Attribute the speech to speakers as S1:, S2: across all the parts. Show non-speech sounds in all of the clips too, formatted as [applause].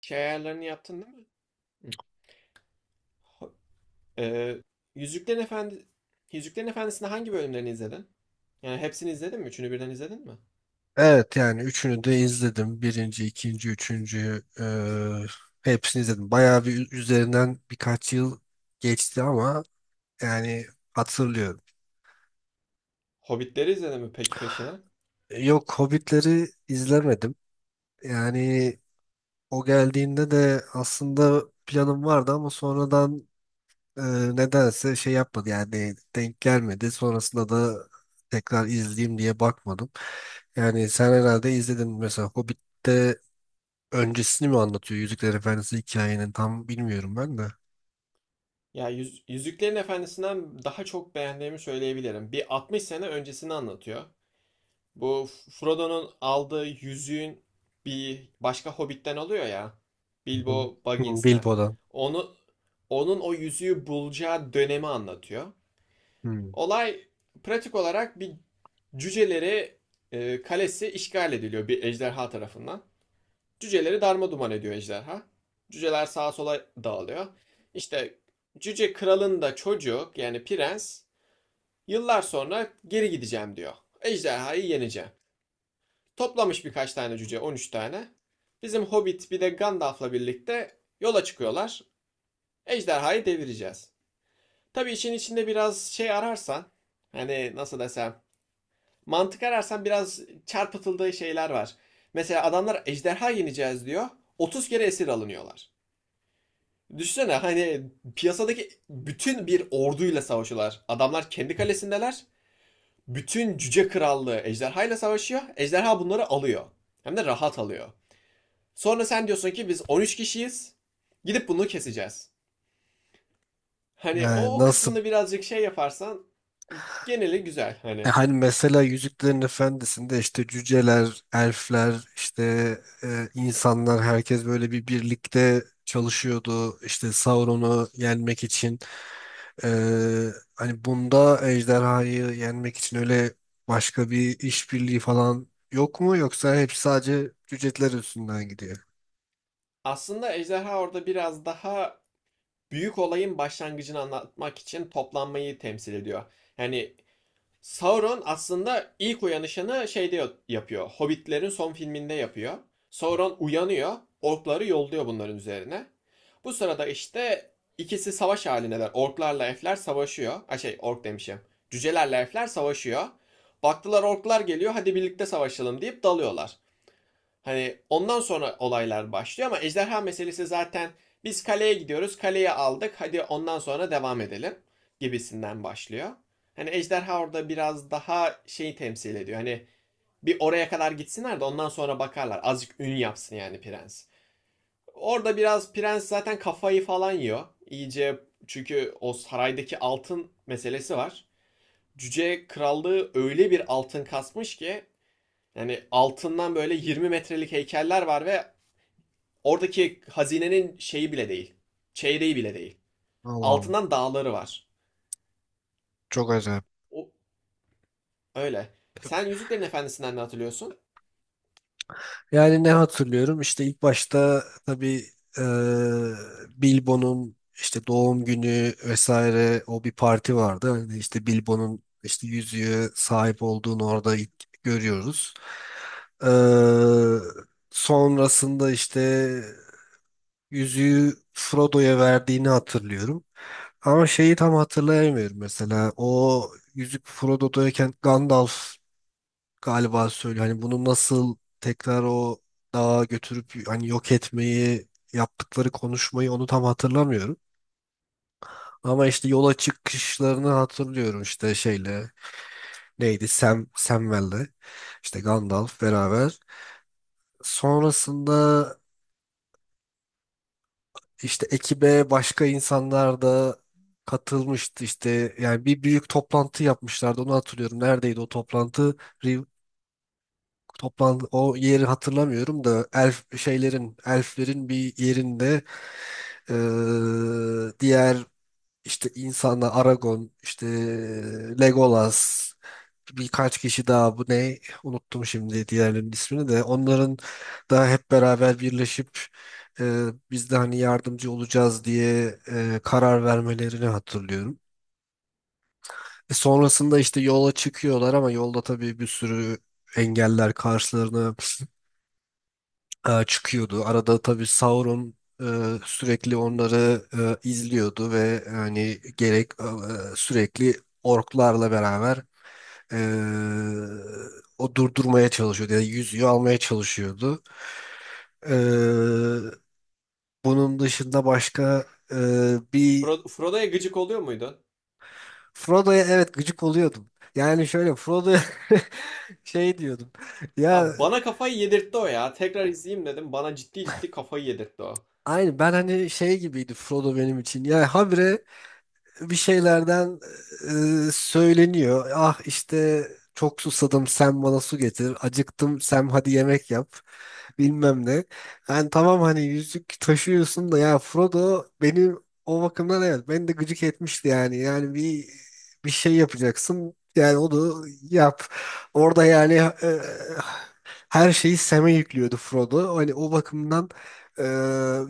S1: Şey ayarlarını yaptın değil mi? Hı. Ee, Yüzüklerin Efendi Yüzüklerin Efendisi'ni hangi bölümlerini izledin? Yani hepsini izledin mi? Üçünü birden izledin mi?
S2: Evet yani üçünü de izledim. Birinci, ikinci, üçüncüyü hepsini izledim. Bayağı bir üzerinden birkaç yıl geçti ama yani hatırlıyorum.
S1: Hobbitleri izledin mi peki peşine?
S2: Yok Hobbitleri izlemedim. Yani o geldiğinde de aslında planım vardı ama sonradan e, nedense şey yapmadı yani denk gelmedi. Sonrasında da tekrar izleyeyim diye bakmadım. Yani sen herhalde izledin mesela Hobbit'te öncesini mi anlatıyor? Yüzükler Efendisi hikayenin tam bilmiyorum ben de.
S1: Ya Yüzüklerin Efendisi'nden daha çok beğendiğimi söyleyebilirim. Bir 60 sene öncesini anlatıyor. Bu Frodo'nun aldığı yüzüğün bir başka Hobbit'ten alıyor ya.
S2: Hı hı.
S1: Bilbo
S2: Hmm,
S1: Baggins'ten.
S2: Bilbo'dan.
S1: Onu onun o yüzüğü bulacağı dönemi anlatıyor.
S2: Hmm.
S1: Olay pratik olarak bir cüceleri kalesi işgal ediliyor bir ejderha tarafından. Cüceleri darma ediyor ejderha. Cüceler sağa sola dağılıyor. İşte cüce kralın da çocuğu yani prens yıllar sonra geri gideceğim diyor. Ejderhayı yeneceğim. Toplamış birkaç tane cüce 13 tane. Bizim Hobbit bir de Gandalf'la birlikte yola çıkıyorlar. Ejderhayı devireceğiz. Tabii işin içinde biraz şey ararsan hani nasıl desem, mantık ararsan biraz çarpıtıldığı şeyler var. Mesela adamlar ejderha yeneceğiz diyor. 30 kere esir alınıyorlar. Düşünsene hani piyasadaki bütün bir orduyla savaşıyorlar. Adamlar kendi kalesindeler. Bütün cüce krallığı ejderhayla savaşıyor. Ejderha bunları alıyor. Hem de rahat alıyor. Sonra sen diyorsun ki biz 13 kişiyiz. Gidip bunu keseceğiz. Hani
S2: Yani
S1: o
S2: nasıl?
S1: kısmını birazcık şey yaparsan geneli güzel
S2: E
S1: hani.
S2: Hani mesela Yüzüklerin Efendisi'nde işte cüceler, elfler, işte insanlar herkes böyle bir birlikte çalışıyordu işte Sauron'u yenmek için. E, hani bunda ejderhayı yenmek için öyle başka bir işbirliği falan yok mu yoksa hep sadece cüceler üstünden gidiyor?
S1: Aslında ejderha orada biraz daha büyük olayın başlangıcını anlatmak için toplanmayı temsil ediyor. Yani Sauron aslında ilk uyanışını şeyde yapıyor. Hobbitlerin son filminde yapıyor. Sauron uyanıyor. Orkları yolluyor bunların üzerine. Bu sırada işte ikisi savaş halindeler. Orklarla elfler savaşıyor. Ha şey ork demişim. Cücelerle elfler savaşıyor. Baktılar orklar geliyor hadi birlikte savaşalım deyip dalıyorlar. Hani ondan sonra olaylar başlıyor ama ejderha meselesi zaten biz kaleye gidiyoruz, kaleyi aldık, hadi ondan sonra devam edelim gibisinden başlıyor. Hani ejderha orada biraz daha şeyi temsil ediyor. Hani bir oraya kadar gitsinler de ondan sonra bakarlar. Azıcık ün yapsın yani prens. Orada biraz prens zaten kafayı falan yiyor. İyice çünkü o saraydaki altın meselesi var. Cüce krallığı öyle bir altın kasmış ki yani altından böyle 20 metrelik heykeller var ve oradaki hazinenin şeyi bile değil. Çeyreği bile değil.
S2: Allah Allah.
S1: Altından dağları var.
S2: Çok acayip.
S1: O öyle. Sen Yüzüklerin Efendisi'nden ne hatırlıyorsun?
S2: Yani ne hatırlıyorum? İşte ilk başta tabii e, Bilbo'nun işte doğum günü vesaire o bir parti vardı. Hani işte Bilbo'nun işte yüzüğe sahip olduğunu orada ilk görüyoruz. E, sonrasında işte yüzüğü Frodo'ya verdiğini hatırlıyorum. Ama şeyi tam hatırlayamıyorum mesela. O yüzük Frodo'dayken Gandalf galiba söylüyor. Hani bunu nasıl tekrar o dağa götürüp hani yok etmeyi yaptıkları konuşmayı onu tam hatırlamıyorum. Ama işte yola çıkışlarını hatırlıyorum işte şeyle neydi Samwell'le işte Gandalf beraber. Sonrasında işte ekibe başka insanlar da katılmıştı işte yani bir büyük toplantı yapmışlardı onu hatırlıyorum. Neredeydi o toplantı? Toplan o yeri hatırlamıyorum da elf şeylerin elflerin bir yerinde diğer işte insanlar Aragon işte Legolas birkaç kişi daha bu ne unuttum şimdi diğerlerinin ismini de onların da hep beraber birleşip eee biz de hani yardımcı olacağız diye karar vermelerini hatırlıyorum. Sonrasında işte yola çıkıyorlar ama yolda tabii bir sürü engeller karşılarına çıkıyordu. Arada tabii Sauron e, sürekli onları izliyordu ve hani sürekli orklarla beraber e, o durdurmaya çalışıyordu ya da yüzüğü almaya çalışıyordu. E, bunun dışında başka e, bir.
S1: Frodo'ya gıcık oluyor muydun?
S2: Frodo'ya evet gıcık oluyordum. Yani şöyle Frodo'ya [laughs] şey diyordum. Ya
S1: Ya bana kafayı yedirtti o ya. Tekrar izleyeyim dedim. Bana ciddi ciddi kafayı yedirtti o.
S2: aynı ben hani şey gibiydi Frodo benim için. Ya habire bir şeylerden söyleniyor. Ah işte çok susadım sen bana su getir. Acıktım sen hadi yemek yap. Bilmem ne. Yani tamam hani yüzük taşıyorsun da ya Frodo benim o bakımdan evet beni de gıcık etmişti yani. Yani bir şey yapacaksın. Yani onu yap. Orada yani e, her şeyi Sam'e yüklüyordu Frodo. Hani o bakımdan e,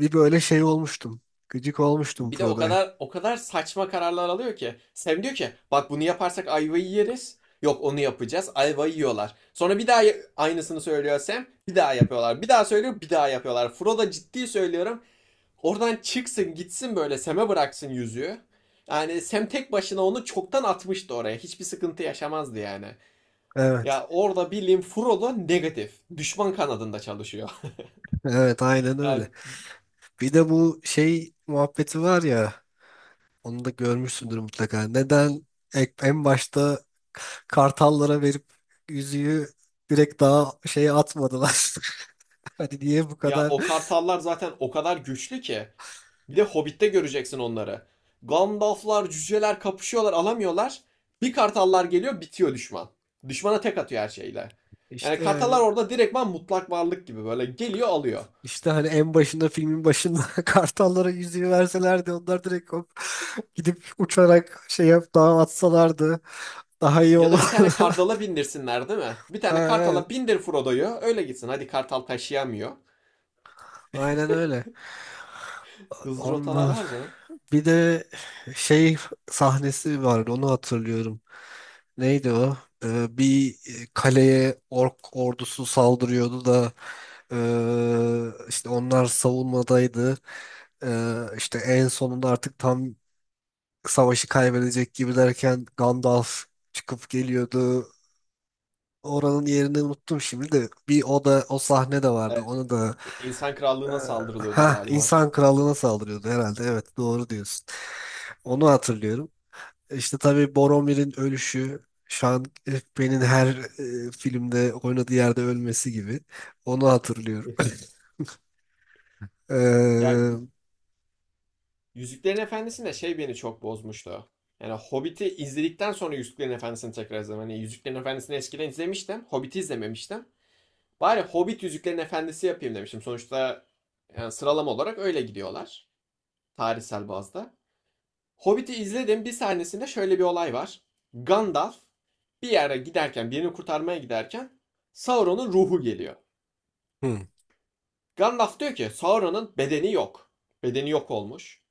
S2: bir böyle şey olmuştum. Gıcık olmuştum
S1: Bir de o
S2: Frodo'ya.
S1: kadar o kadar saçma kararlar alıyor ki. Sam diyor ki bak bunu yaparsak ayvayı yeriz. Yok onu yapacağız. Ayvayı yiyorlar. Sonra bir daha aynısını söylüyor Sam. Bir daha yapıyorlar. Bir daha söylüyor. Bir daha yapıyorlar. Frodo ciddi söylüyorum. Oradan çıksın gitsin böyle Sem'e bıraksın yüzüğü. Yani Sem tek başına onu çoktan atmıştı oraya. Hiçbir sıkıntı yaşamazdı yani.
S2: Evet.
S1: Ya orada bildiğin Frodo negatif. Düşman kanadında çalışıyor.
S2: Evet aynen
S1: [laughs] ya,
S2: öyle. Bir de bu şey muhabbeti var ya onu da görmüşsündür mutlaka. Neden en başta kartallara verip yüzüğü direkt daha şeye atmadılar? [laughs] Hani niye bu
S1: ya
S2: kadar
S1: o kartallar zaten o kadar güçlü ki. Bir de Hobbit'te göreceksin onları. Gandalflar, cüceler kapışıyorlar alamıyorlar. Bir kartallar geliyor bitiyor düşman. Düşmana tek atıyor her şeyle. Yani
S2: işte
S1: kartallar
S2: yani
S1: orada direktman mutlak varlık gibi böyle geliyor alıyor.
S2: işte hani en başında filmin başında [laughs] kartallara yüzüğü verselerdi onlar direkt hop gidip uçarak şey yap daha atsalardı daha iyi
S1: Ya
S2: olur.
S1: da bir tane
S2: [laughs]
S1: kartala bindirsinler değil mi? Bir
S2: Ha,
S1: tane kartala
S2: evet
S1: bindir Frodo'yu öyle gitsin. Hadi kartal taşıyamıyor.
S2: aynen öyle.
S1: Hızlı rotalar
S2: Onlar
S1: var canım.
S2: bir de şey sahnesi vardı onu hatırlıyorum. Neydi o? Bir kaleye ork ordusu saldırıyordu da işte onlar savunmadaydı. İşte en sonunda artık tam savaşı kaybedecek gibi derken Gandalf çıkıp geliyordu. Oranın yerini unuttum şimdi de bir o da o sahne de vardı.
S1: Evet.
S2: Onu da.
S1: İnsan
S2: ee,
S1: krallığına saldırılıyordu
S2: Ha,
S1: galiba.
S2: insan krallığına saldırıyordu herhalde. Evet, doğru diyorsun. Onu hatırlıyorum. İşte tabii Boromir'in ölüşü, Sean Pen'in her filmde oynadığı yerde ölmesi gibi. Onu hatırlıyorum. [laughs] [clears throat]
S1: Ya
S2: Ee,
S1: Y- Yüzüklerin Efendisi'nde şey beni çok bozmuştu. Yani Hobbit'i izledikten sonra Yüzüklerin Efendisi'ni tekrar izledim. Hani Yüzüklerin Efendisi'ni eskiden izlemiştim. Hobbit'i izlememiştim. Bari Hobbit Yüzüklerin Efendisi yapayım demiştim. Sonuçta yani sıralama olarak öyle gidiyorlar. Tarihsel bazda. Hobbit'i izledim. Bir sahnesinde şöyle bir olay var. Gandalf bir yere giderken, birini kurtarmaya giderken Sauron'un ruhu geliyor.
S2: hmm,
S1: Gandalf diyor ki Sauron'un bedeni yok. Bedeni yok olmuş.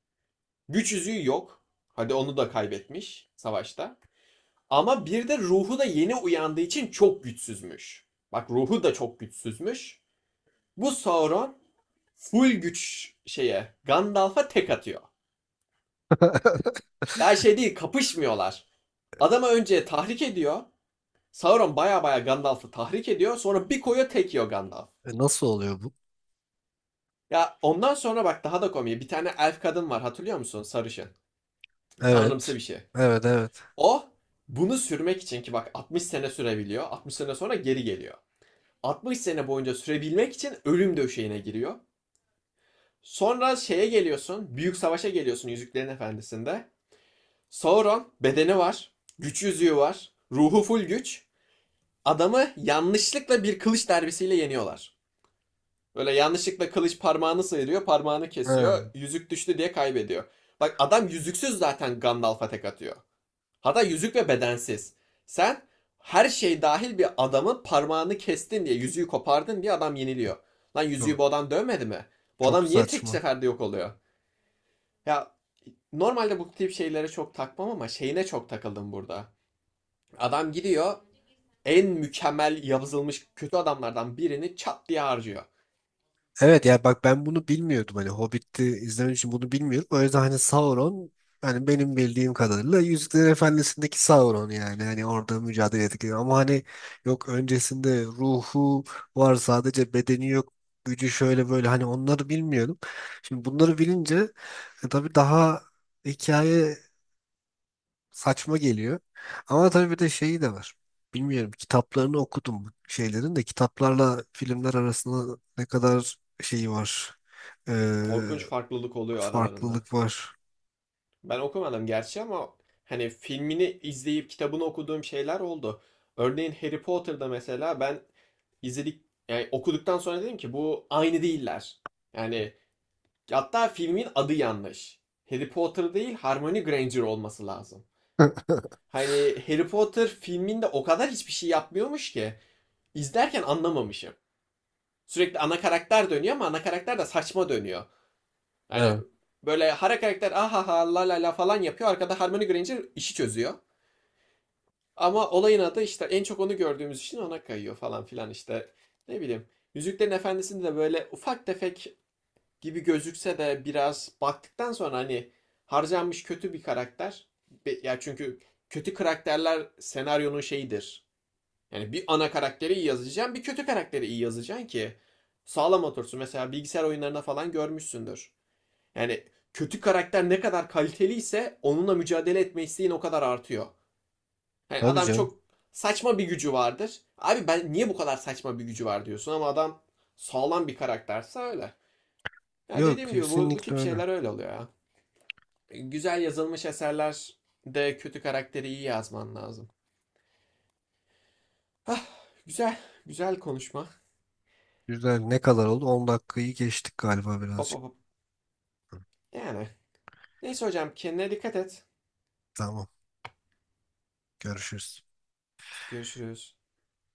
S1: Güç yüzüğü yok. Hadi onu da kaybetmiş savaşta. Ama bir de ruhu da yeni uyandığı için çok güçsüzmüş. Bak ruhu da çok güçsüzmüş. Bu Sauron full güç şeye Gandalf'a tek atıyor. Ya şey değil kapışmıyorlar. Adamı önce tahrik ediyor. Sauron baya baya Gandalf'ı tahrik ediyor. Sonra bir koyuyor tek yiyor Gandalf.
S2: Nasıl oluyor bu?
S1: Ya ondan sonra bak daha da komik. Bir tane elf kadın var hatırlıyor musun? Sarışın. Tanrımsı
S2: Evet.
S1: bir şey.
S2: Evet, evet.
S1: O bunu sürmek için ki bak 60 sene sürebiliyor. 60 sene sonra geri geliyor. 60 sene boyunca sürebilmek için ölüm döşeğine giriyor. Sonra şeye geliyorsun. Büyük savaşa geliyorsun Yüzüklerin Efendisi'nde. Sauron bedeni var, güç yüzüğü var, ruhu full güç. Adamı yanlışlıkla bir kılıç darbesiyle yeniyorlar. Böyle yanlışlıkla kılıç parmağını sıyırıyor, parmağını kesiyor,
S2: Ha,
S1: yüzük düştü diye kaybediyor. Bak adam yüzüksüz zaten Gandalf'a tek atıyor. Hatta yüzük ve bedensiz. Sen her şey dahil bir adamın parmağını kestin diye, yüzüğü kopardın diye adam yeniliyor. Lan yüzüğü
S2: çok,
S1: bu adam dövmedi mi? Bu
S2: çok
S1: adam niye tek
S2: saçma.
S1: seferde yok oluyor? Ya normalde bu tip şeylere çok takmam ama şeyine çok takıldım burada. Adam gidiyor en mükemmel yazılmış kötü adamlardan birini çat diye harcıyor.
S2: Evet yani bak ben bunu bilmiyordum hani Hobbit'i izlemek için bunu bilmiyorum. O yüzden hani Sauron hani benim bildiğim kadarıyla Yüzüklerin Efendisi'ndeki Sauron yani hani orada mücadele ettik. Ama hani yok öncesinde ruhu var sadece bedeni yok gücü şöyle böyle hani onları bilmiyordum. Şimdi bunları bilince tabii daha hikaye saçma geliyor. Ama tabii bir de şeyi de var. Bilmiyorum kitaplarını okudum bu şeylerin de kitaplarla filmler arasında ne kadar şeyi var. Ee,
S1: Korkunç farklılık oluyor aralarında.
S2: farklılık var.
S1: Ben okumadım gerçi ama hani filmini izleyip kitabını okuduğum şeyler oldu. Örneğin Harry Potter'da mesela ben izledik yani okuduktan sonra dedim ki bu aynı değiller. Yani hatta filmin adı yanlış. Harry Potter değil Harmony Granger olması lazım. Hani Harry Potter filminde o kadar hiçbir şey yapmıyormuş ki. İzlerken anlamamışım. Sürekli ana karakter dönüyor ama ana karakter de saçma dönüyor. Hani
S2: Evet.
S1: böyle hara karakter ahaha la la la falan yapıyor. Arkada Harmony Granger işi çözüyor. Ama olayın adı işte en çok onu gördüğümüz için ona kayıyor falan filan işte. Ne bileyim. Yüzüklerin Efendisi'nde de böyle ufak tefek gibi gözükse de biraz baktıktan sonra hani harcanmış kötü bir karakter. Ya çünkü kötü karakterler senaryonun şeyidir. Yani bir ana karakteri iyi yazacaksın, bir kötü karakteri iyi yazacaksın ki sağlam otursun. Mesela bilgisayar oyunlarında falan görmüşsündür. Yani kötü karakter ne kadar kaliteliyse onunla mücadele etme isteğin o kadar artıyor. Yani
S2: Tabii
S1: adam
S2: canım.
S1: çok saçma bir gücü vardır. Abi ben niye bu kadar saçma bir gücü var diyorsun ama adam sağlam bir karakterse öyle. Ya
S2: Yok
S1: dediğim gibi bu
S2: kesinlikle
S1: tip
S2: öyle.
S1: şeyler öyle oluyor ya. Güzel yazılmış eserler de kötü karakteri iyi yazman lazım. Ah, güzel, güzel konuşma.
S2: Güzel. Ne kadar oldu? 10 dakikayı geçtik galiba
S1: Hop
S2: birazcık.
S1: hop hop. Yani. Neyse hocam kendine dikkat et.
S2: Tamam. Görüşürüz.
S1: Görüşürüz.